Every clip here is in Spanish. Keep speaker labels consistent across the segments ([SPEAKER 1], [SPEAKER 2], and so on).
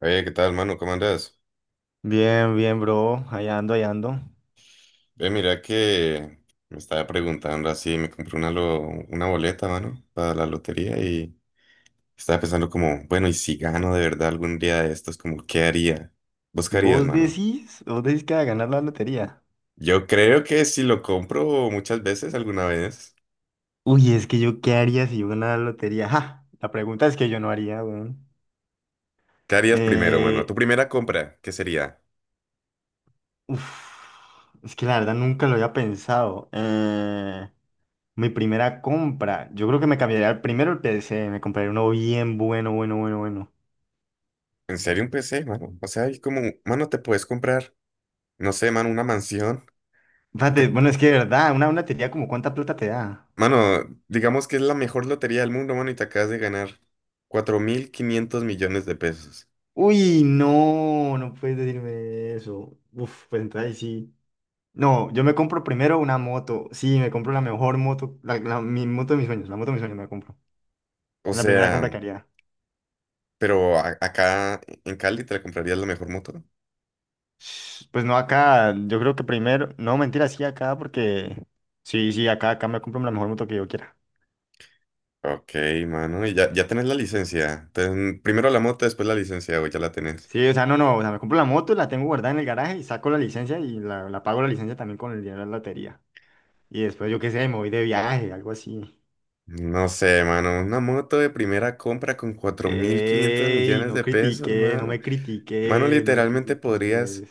[SPEAKER 1] Oye, ¿qué tal, mano? ¿Cómo andas?
[SPEAKER 2] Bien, bien, bro. Allá ando, allá ando.
[SPEAKER 1] Ve, mira que me estaba preguntando así, me compré una boleta, mano, para la lotería y estaba pensando como, bueno, ¿y si gano de verdad algún día de estos, como, qué haría? ¿Vos qué harías,
[SPEAKER 2] ¿Vos
[SPEAKER 1] mano?
[SPEAKER 2] decís? ¿Vos decís que va a ganar la lotería?
[SPEAKER 1] Yo creo que si lo compro muchas veces, alguna vez,
[SPEAKER 2] Uy, es que yo, ¿qué haría si yo ganara la lotería? ¡Ja! La pregunta es que yo no haría, weón.
[SPEAKER 1] ¿qué harías primero, mano? Tu
[SPEAKER 2] Eh,
[SPEAKER 1] primera compra, ¿qué sería?
[SPEAKER 2] uf, es que la verdad nunca lo había pensado. Mi primera compra. Yo creo que me cambiaría primero el PC. Me compraría uno bien bueno, bueno, bueno, bueno.
[SPEAKER 1] ¿En serio un PC, mano? O sea, hay como, mano, te puedes comprar, no sé, mano, una mansión.
[SPEAKER 2] Fíjate, bueno, es que de verdad, una lotería como cuánta plata te da.
[SPEAKER 1] Mano, digamos que es la mejor lotería del mundo, mano, y te acabas de ganar 4.500 millones de pesos.
[SPEAKER 2] Uy, no, no puedes decirme eso. Uf, pues entonces ahí sí. No, yo me compro primero una moto. Sí, me compro la mejor moto, mi moto de mis sueños, la moto de mis sueños me la compro.
[SPEAKER 1] O
[SPEAKER 2] La primera
[SPEAKER 1] sea,
[SPEAKER 2] compra que haría.
[SPEAKER 1] pero acá en Cali te la comprarías la mejor moto.
[SPEAKER 2] Sh- Pues no acá, yo creo que primero, no, mentira, sí acá porque, sí, sí, acá, acá me compro la mejor moto que yo quiera.
[SPEAKER 1] Ok, mano, y ya, ya tenés la licencia. Primero la moto, después la licencia, o ya la tenés.
[SPEAKER 2] Sí, o sea, no, no, o sea, me compro la moto, la tengo guardada en el garaje y saco la licencia y la pago la licencia también con el dinero de la lotería. Y después, yo qué sé, me voy de viaje, algo así.
[SPEAKER 1] No sé, mano, una moto de primera compra con 4.500
[SPEAKER 2] Ey,
[SPEAKER 1] millones
[SPEAKER 2] no
[SPEAKER 1] de pesos,
[SPEAKER 2] critiqué, no
[SPEAKER 1] mano.
[SPEAKER 2] me
[SPEAKER 1] Mano,
[SPEAKER 2] critiqué, no me
[SPEAKER 1] literalmente podrías,
[SPEAKER 2] critiqué.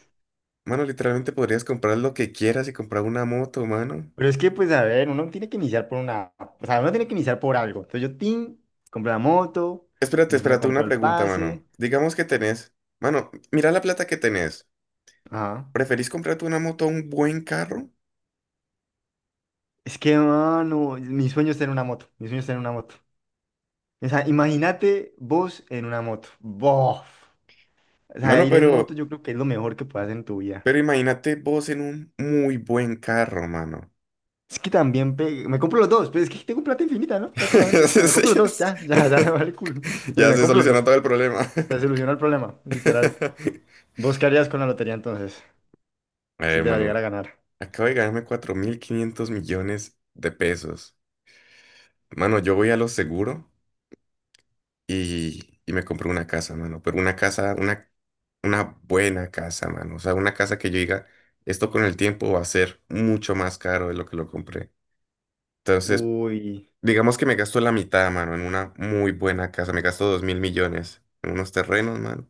[SPEAKER 1] mano, literalmente podrías comprar lo que quieras y comprar una moto, mano.
[SPEAKER 2] Pero es que, pues, a ver, uno tiene que iniciar por una, o sea, uno tiene que iniciar por algo. Entonces yo, tin, compré la moto,
[SPEAKER 1] Espérate,
[SPEAKER 2] después me
[SPEAKER 1] espérate,
[SPEAKER 2] compró
[SPEAKER 1] una
[SPEAKER 2] el
[SPEAKER 1] pregunta, mano.
[SPEAKER 2] pase.
[SPEAKER 1] Digamos que tenés, mano, mira la plata que tenés.
[SPEAKER 2] Ajá.
[SPEAKER 1] ¿Preferís comprarte una moto a un buen carro?
[SPEAKER 2] Es que, mano, mi sueño es tener una moto, mi sueño es tener una moto. O sea, imagínate vos en una moto. ¡Bof! O sea,
[SPEAKER 1] Mano,
[SPEAKER 2] ir en moto
[SPEAKER 1] pero,
[SPEAKER 2] yo creo que es lo mejor que puedes hacer en tu vida.
[SPEAKER 1] pero imagínate vos en un muy buen carro, mano.
[SPEAKER 2] Es que también me compro los dos, pues es que tengo plata infinita, ¿no? Prácticamente. O sea, me
[SPEAKER 1] Sí,
[SPEAKER 2] compro los dos, ya, ya, ya, vale, cool.
[SPEAKER 1] Ya
[SPEAKER 2] Me
[SPEAKER 1] se
[SPEAKER 2] compro los
[SPEAKER 1] solucionó
[SPEAKER 2] dos.
[SPEAKER 1] todo el problema.
[SPEAKER 2] Se solucionó el problema, literal. ¿Vos qué harías con la lotería entonces?
[SPEAKER 1] A
[SPEAKER 2] Si
[SPEAKER 1] ver,
[SPEAKER 2] te la
[SPEAKER 1] mano,
[SPEAKER 2] llegara a ganar.
[SPEAKER 1] acabo de ganarme 4.500 millones de pesos. Mano, yo voy a lo seguro y me compré una casa, mano. Pero una casa, una buena casa, mano. O sea, una casa que yo diga, esto con el tiempo va a ser mucho más caro de lo que lo compré. Entonces,
[SPEAKER 2] Uy,
[SPEAKER 1] digamos que me gasto la mitad, mano, en una muy buena casa. Me gasto 2.000 millones en unos terrenos, mano,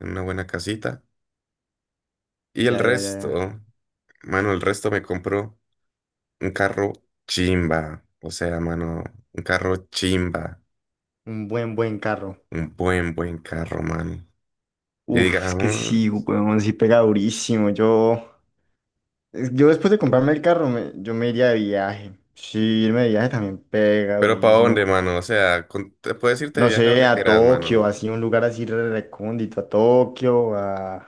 [SPEAKER 1] en una buena casita. Y el
[SPEAKER 2] ya, ya, ya, ya.
[SPEAKER 1] resto, mano, el resto me compro un carro chimba. O sea, mano, un carro chimba.
[SPEAKER 2] Un buen, buen carro.
[SPEAKER 1] Un buen, buen carro, mano. Y
[SPEAKER 2] Uf, es que sí,
[SPEAKER 1] digamos...
[SPEAKER 2] weón, sí pega durísimo. Yo, yo después de comprarme el carro, yo me iría de viaje. Sí, irme de viaje también pega
[SPEAKER 1] Pero ¿para dónde,
[SPEAKER 2] durísimo.
[SPEAKER 1] mano? O sea, te puedes irte de
[SPEAKER 2] No
[SPEAKER 1] viaje a
[SPEAKER 2] sé,
[SPEAKER 1] donde
[SPEAKER 2] a
[SPEAKER 1] quieras,
[SPEAKER 2] Tokio,
[SPEAKER 1] mano.
[SPEAKER 2] así, un lugar así re- recóndito, a Tokio,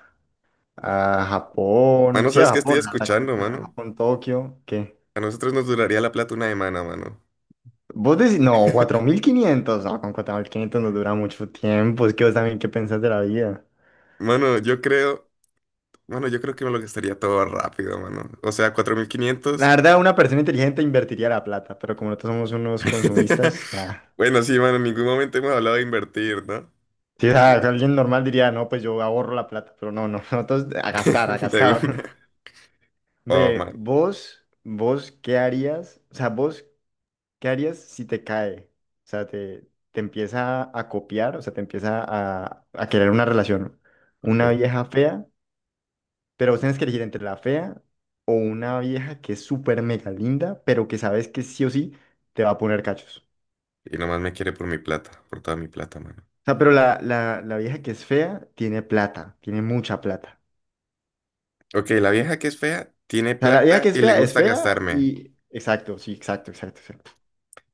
[SPEAKER 2] a Japón.
[SPEAKER 1] Mano,
[SPEAKER 2] Sí,
[SPEAKER 1] ¿sabes qué estoy escuchando,
[SPEAKER 2] A
[SPEAKER 1] mano?
[SPEAKER 2] Japón, Tokio, ¿qué?
[SPEAKER 1] A nosotros nos duraría la plata una semana, mano.
[SPEAKER 2] Vos decís, no, 4.500, no, con 4.500 nos dura mucho tiempo, es que vos también, ¿qué pensás de la vida?
[SPEAKER 1] Mano, yo creo, mano, yo creo que me lo gastaría todo rápido, mano. O sea, cuatro mil
[SPEAKER 2] La
[SPEAKER 1] quinientos
[SPEAKER 2] verdad, una persona inteligente invertiría la plata, pero como nosotros somos unos consumistas, ah,
[SPEAKER 1] Bueno, sí, mano, en ningún momento hemos hablado de invertir, ¿no?
[SPEAKER 2] sí, o
[SPEAKER 1] De
[SPEAKER 2] sea,
[SPEAKER 1] ni-
[SPEAKER 2] alguien normal diría, no, pues yo ahorro la plata, pero no, no, nosotros a gastar, a
[SPEAKER 1] De una.
[SPEAKER 2] gastar.
[SPEAKER 1] Oh,
[SPEAKER 2] Ve,
[SPEAKER 1] man,
[SPEAKER 2] vos, ¿qué harías? O sea, vos, ¿qué harías si te cae? O sea, te empieza a copiar, o sea, te empieza a querer una relación. Una
[SPEAKER 1] ok.
[SPEAKER 2] vieja fea, pero vos tenés que elegir entre la fea o una vieja que es súper mega linda, pero que sabes que sí o sí te va a poner cachos.
[SPEAKER 1] Y nomás me quiere por mi plata, por toda mi plata, mano.
[SPEAKER 2] O sea, pero la vieja que es fea tiene plata, tiene mucha plata.
[SPEAKER 1] Ok, la vieja que es fea tiene
[SPEAKER 2] O sea, la vieja
[SPEAKER 1] plata
[SPEAKER 2] que
[SPEAKER 1] y le
[SPEAKER 2] es
[SPEAKER 1] gusta
[SPEAKER 2] fea
[SPEAKER 1] gastarme.
[SPEAKER 2] y... Exacto, sí, exacto, exacto, exacto.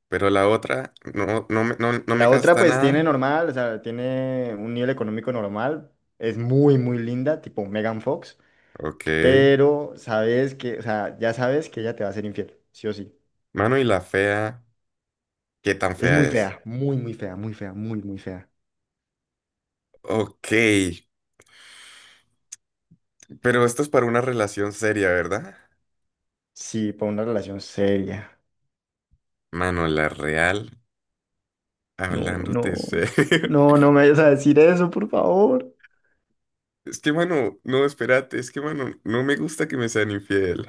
[SPEAKER 1] Pero la otra no, no, no, no me
[SPEAKER 2] La otra
[SPEAKER 1] gasta
[SPEAKER 2] pues tiene
[SPEAKER 1] nada.
[SPEAKER 2] normal, o sea, tiene un nivel económico normal, es muy, muy linda, tipo Megan Fox,
[SPEAKER 1] Ok.
[SPEAKER 2] pero sabes que, o sea, ya sabes que ella te va a ser infiel, sí o sí.
[SPEAKER 1] Mano, y la fea, ¿qué tan
[SPEAKER 2] Es
[SPEAKER 1] fea es?
[SPEAKER 2] muy fea, muy fea, muy, muy fea.
[SPEAKER 1] Ok. Pero esto es para una relación seria, ¿verdad?
[SPEAKER 2] Sí, para una relación seria.
[SPEAKER 1] Mano, la real,
[SPEAKER 2] No,
[SPEAKER 1] hablándote
[SPEAKER 2] no,
[SPEAKER 1] serio.
[SPEAKER 2] no, no me vayas a decir eso, por favor.
[SPEAKER 1] Es que, mano, no, espérate, es que, mano, no me gusta que me sean infiel.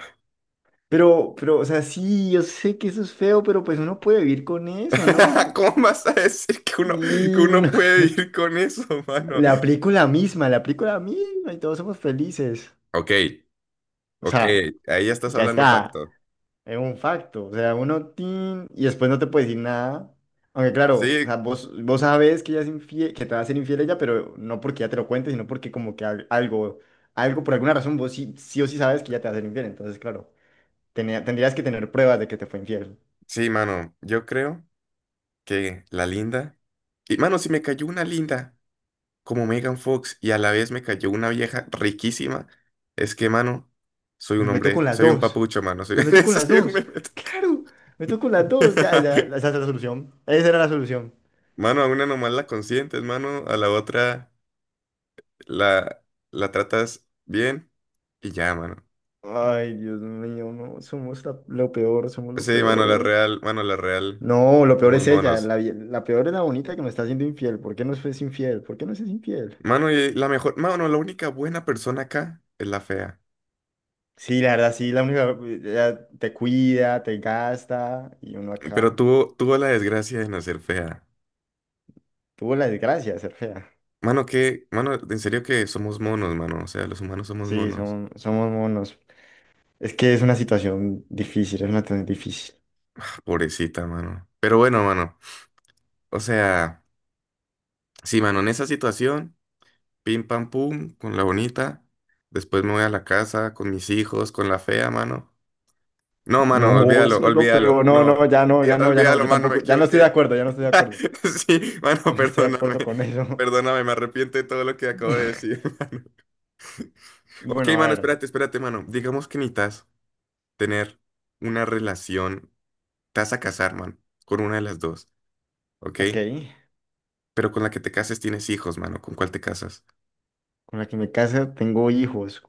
[SPEAKER 2] Pero, o sea, sí, yo sé que eso es feo, pero pues uno puede vivir con eso, ¿no? Uno-
[SPEAKER 1] ¿Cómo vas a decir que uno, que
[SPEAKER 2] y
[SPEAKER 1] uno
[SPEAKER 2] uno,
[SPEAKER 1] puede vivir con eso, mano?
[SPEAKER 2] le aplico la misma, le aplico la misma y todos somos felices.
[SPEAKER 1] Ok,
[SPEAKER 2] O
[SPEAKER 1] ok,
[SPEAKER 2] sea,
[SPEAKER 1] ahí ya estás
[SPEAKER 2] ya
[SPEAKER 1] hablando
[SPEAKER 2] está,
[SPEAKER 1] facto.
[SPEAKER 2] es un facto. O sea, uno, tin, y después no te puede decir nada. Aunque claro, o
[SPEAKER 1] Sí,
[SPEAKER 2] sea, vos, vos sabes que ella es infiel, que te va a ser infiel ella, pero no porque ella te lo cuente, sino porque como que algo, algo, por alguna razón, vos sí, sí o sí sabes que ella te va a ser infiel. Entonces, claro, tendrías que tener pruebas de que te fue infiel.
[SPEAKER 1] sí, mano, yo creo que la linda. Y mano, si me cayó una linda como Megan Fox y a la vez me cayó una vieja riquísima, es que, mano, soy
[SPEAKER 2] Me
[SPEAKER 1] un
[SPEAKER 2] meto con
[SPEAKER 1] hombre,
[SPEAKER 2] las
[SPEAKER 1] soy un
[SPEAKER 2] dos.
[SPEAKER 1] papucho, mano,
[SPEAKER 2] Me meto con las
[SPEAKER 1] soy un
[SPEAKER 2] dos.
[SPEAKER 1] bebé.
[SPEAKER 2] Claro, me meto con las dos. Ya, ya, esa es la solución. Esa era la solución.
[SPEAKER 1] Mano, a una nomás la consientes, mano, a la otra la, la tratas bien y ya, mano.
[SPEAKER 2] Ay, Dios mío, no, somos lo peor, somos lo
[SPEAKER 1] Sí,
[SPEAKER 2] peor.
[SPEAKER 1] mano, la real,
[SPEAKER 2] No, lo peor
[SPEAKER 1] somos
[SPEAKER 2] es ella.
[SPEAKER 1] monos.
[SPEAKER 2] La peor es la bonita que me está haciendo infiel. ¿Por qué no es infiel? ¿Por qué no es infiel?
[SPEAKER 1] Mano, y la mejor, mano, la única buena persona acá es la fea,
[SPEAKER 2] Sí, la verdad, sí, la única, ella te cuida, te gasta y uno acá.
[SPEAKER 1] pero tuvo, tuvo la desgracia de nacer fea.
[SPEAKER 2] Tuvo la desgracia de ser fea.
[SPEAKER 1] Mano, que, mano, en serio que somos monos, mano. O sea, los humanos somos
[SPEAKER 2] Sí,
[SPEAKER 1] monos.
[SPEAKER 2] son, somos monos. Es que es una situación difícil, es una situación difícil.
[SPEAKER 1] Ah, pobrecita, mano. Pero bueno, mano. O sea, sí, mano, en esa situación, pim pam pum, con la bonita. Después me voy a la casa con mis hijos, con la fea, mano. No, mano,
[SPEAKER 2] No,
[SPEAKER 1] olvídalo,
[SPEAKER 2] eso es lo
[SPEAKER 1] olvídalo.
[SPEAKER 2] peor. No,
[SPEAKER 1] No,
[SPEAKER 2] no, ya no, ya no, ya no.
[SPEAKER 1] olvídalo,
[SPEAKER 2] Yo
[SPEAKER 1] mano, me
[SPEAKER 2] tampoco, ya no estoy de
[SPEAKER 1] equivoqué.
[SPEAKER 2] acuerdo, ya no estoy de acuerdo.
[SPEAKER 1] Sí,
[SPEAKER 2] Ya
[SPEAKER 1] mano,
[SPEAKER 2] no estoy de
[SPEAKER 1] perdóname.
[SPEAKER 2] acuerdo con eso.
[SPEAKER 1] Perdóname, me arrepiento de todo lo que acabo de decir. Ok,
[SPEAKER 2] Bueno, a
[SPEAKER 1] mano,
[SPEAKER 2] ver,
[SPEAKER 1] espérate, espérate, mano. Digamos que necesitas tener una relación. Te vas a casar, mano, con una de las dos, ¿ok?
[SPEAKER 2] ok.
[SPEAKER 1] Pero con la que te cases tienes hijos, mano. ¿Con cuál te casas?
[SPEAKER 2] Con la que me casa tengo hijos.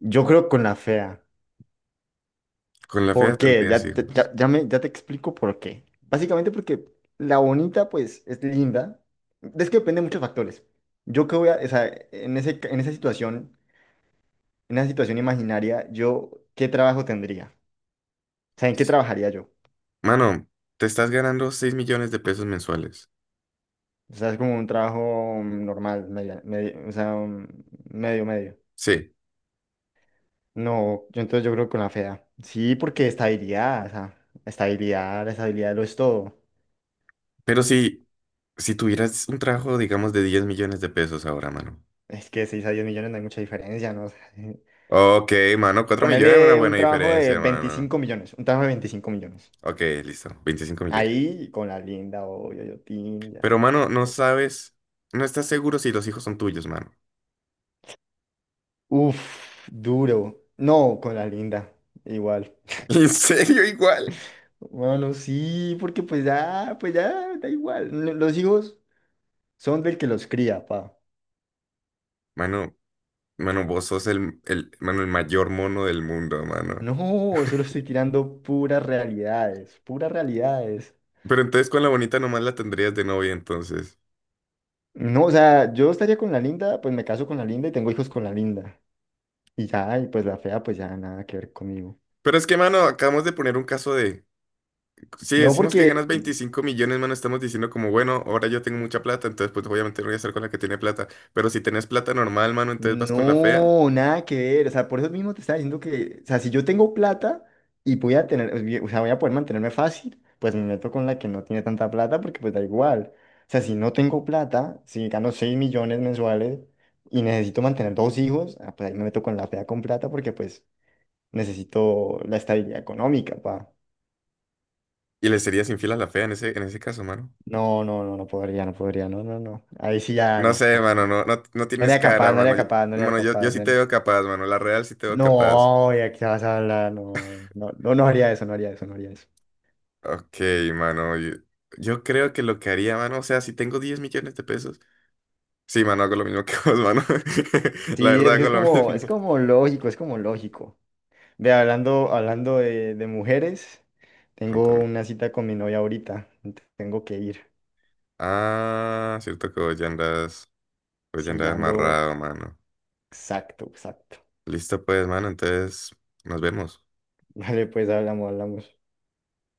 [SPEAKER 2] Yo creo con la fea.
[SPEAKER 1] Con la fea
[SPEAKER 2] ¿Por qué?
[SPEAKER 1] tendrías
[SPEAKER 2] Ya, ya,
[SPEAKER 1] hijos.
[SPEAKER 2] ya te explico por qué. Básicamente porque la bonita, pues, es linda. Es que depende de muchos factores. Yo que voy a, o sea, en esa situación imaginaria, yo, ¿qué trabajo tendría? O sea, ¿en qué trabajaría yo?
[SPEAKER 1] Mano, te estás ganando 6 millones de pesos mensuales.
[SPEAKER 2] O sea, es como un trabajo normal, o sea, un medio, medio.
[SPEAKER 1] Sí,
[SPEAKER 2] No, yo entonces yo creo que con la fea. Sí, porque estabilidad, o sea, estabilidad, la estabilidad lo es todo.
[SPEAKER 1] pero si tuvieras un trabajo, digamos, de 10 millones de pesos ahora, mano.
[SPEAKER 2] Es que 6 a 10 millones no hay mucha diferencia, ¿no? O sea,
[SPEAKER 1] Ok, mano, 4 millones es una
[SPEAKER 2] ponerle un
[SPEAKER 1] buena
[SPEAKER 2] trabajo de
[SPEAKER 1] diferencia, mano.
[SPEAKER 2] 25 millones, un trabajo de 25 millones.
[SPEAKER 1] Ok, listo, 25 millones.
[SPEAKER 2] Ahí con la linda, o Yoyotín, ya.
[SPEAKER 1] Pero, mano, no
[SPEAKER 2] te-
[SPEAKER 1] sabes, no estás seguro si los hijos son tuyos, mano.
[SPEAKER 2] Uf, duro. No, con la linda, igual.
[SPEAKER 1] ¿En serio igual?
[SPEAKER 2] Bueno, sí, porque pues ya, da igual. Los hijos. Son del que los cría, pa.
[SPEAKER 1] Mano, Mano, vos sos mano, el mayor mono del mundo, mano.
[SPEAKER 2] No, solo estoy tirando puras realidades, puras realidades.
[SPEAKER 1] Pero entonces con la bonita nomás la tendrías de novia, entonces.
[SPEAKER 2] No, o sea, yo estaría con la linda, pues me caso con la linda y tengo hijos con la linda. Y ya, y pues la fea, pues ya nada que ver conmigo.
[SPEAKER 1] Pero es que, mano, acabamos de poner un caso de... Si
[SPEAKER 2] No,
[SPEAKER 1] decimos que
[SPEAKER 2] porque
[SPEAKER 1] ganas 25 millones, mano, estamos diciendo como, bueno, ahora yo tengo mucha plata, entonces pues obviamente no voy a estar con la que tiene plata. Pero si tenés plata normal, mano, entonces vas con la fea
[SPEAKER 2] no, nada que ver. O sea, por eso mismo te estaba diciendo que, o sea, si yo tengo plata y voy a tener, o sea, voy a poder mantenerme fácil, pues me meto con la que no tiene tanta plata porque pues da igual. O sea, si no tengo plata, si gano 6 millones mensuales y necesito mantener dos hijos, ah, pues ahí me meto con la fea con plata porque pues necesito la estabilidad económica, pa.
[SPEAKER 1] y le serías infiel a la fea en ese caso, mano.
[SPEAKER 2] No, no, no, no podría, no podría, no, no, no. Ahí sí ya
[SPEAKER 1] No
[SPEAKER 2] no.
[SPEAKER 1] sé,
[SPEAKER 2] No,
[SPEAKER 1] mano, no, no, no
[SPEAKER 2] no
[SPEAKER 1] tienes
[SPEAKER 2] era capaz,
[SPEAKER 1] cara,
[SPEAKER 2] no era
[SPEAKER 1] mano.
[SPEAKER 2] capaz, no era
[SPEAKER 1] Mano, yo
[SPEAKER 2] capaz,
[SPEAKER 1] sí
[SPEAKER 2] no
[SPEAKER 1] te
[SPEAKER 2] era.
[SPEAKER 1] veo capaz, mano. La real sí te veo capaz.
[SPEAKER 2] No, ya qué vas a hablar, no, no, no, no haría eso, no haría eso, no haría eso.
[SPEAKER 1] Ok, mano, yo creo que lo que haría, mano, o sea, si tengo 10 millones de pesos, sí, mano, hago lo mismo que vos, mano. La
[SPEAKER 2] Sí,
[SPEAKER 1] verdad,
[SPEAKER 2] es que
[SPEAKER 1] hago lo
[SPEAKER 2] es
[SPEAKER 1] mismo.
[SPEAKER 2] como lógico, es como lógico. Ve, hablando de mujeres, tengo
[SPEAKER 1] Contame.
[SPEAKER 2] una cita con mi novia ahorita, tengo que ir.
[SPEAKER 1] Ah, cierto que vos ya andas, vos ya
[SPEAKER 2] Sí,
[SPEAKER 1] andas
[SPEAKER 2] ya ando,
[SPEAKER 1] amarrado, mano.
[SPEAKER 2] exacto, exacto.
[SPEAKER 1] Listo, pues, mano, entonces nos vemos.
[SPEAKER 2] Vale, pues hablamos, hablamos.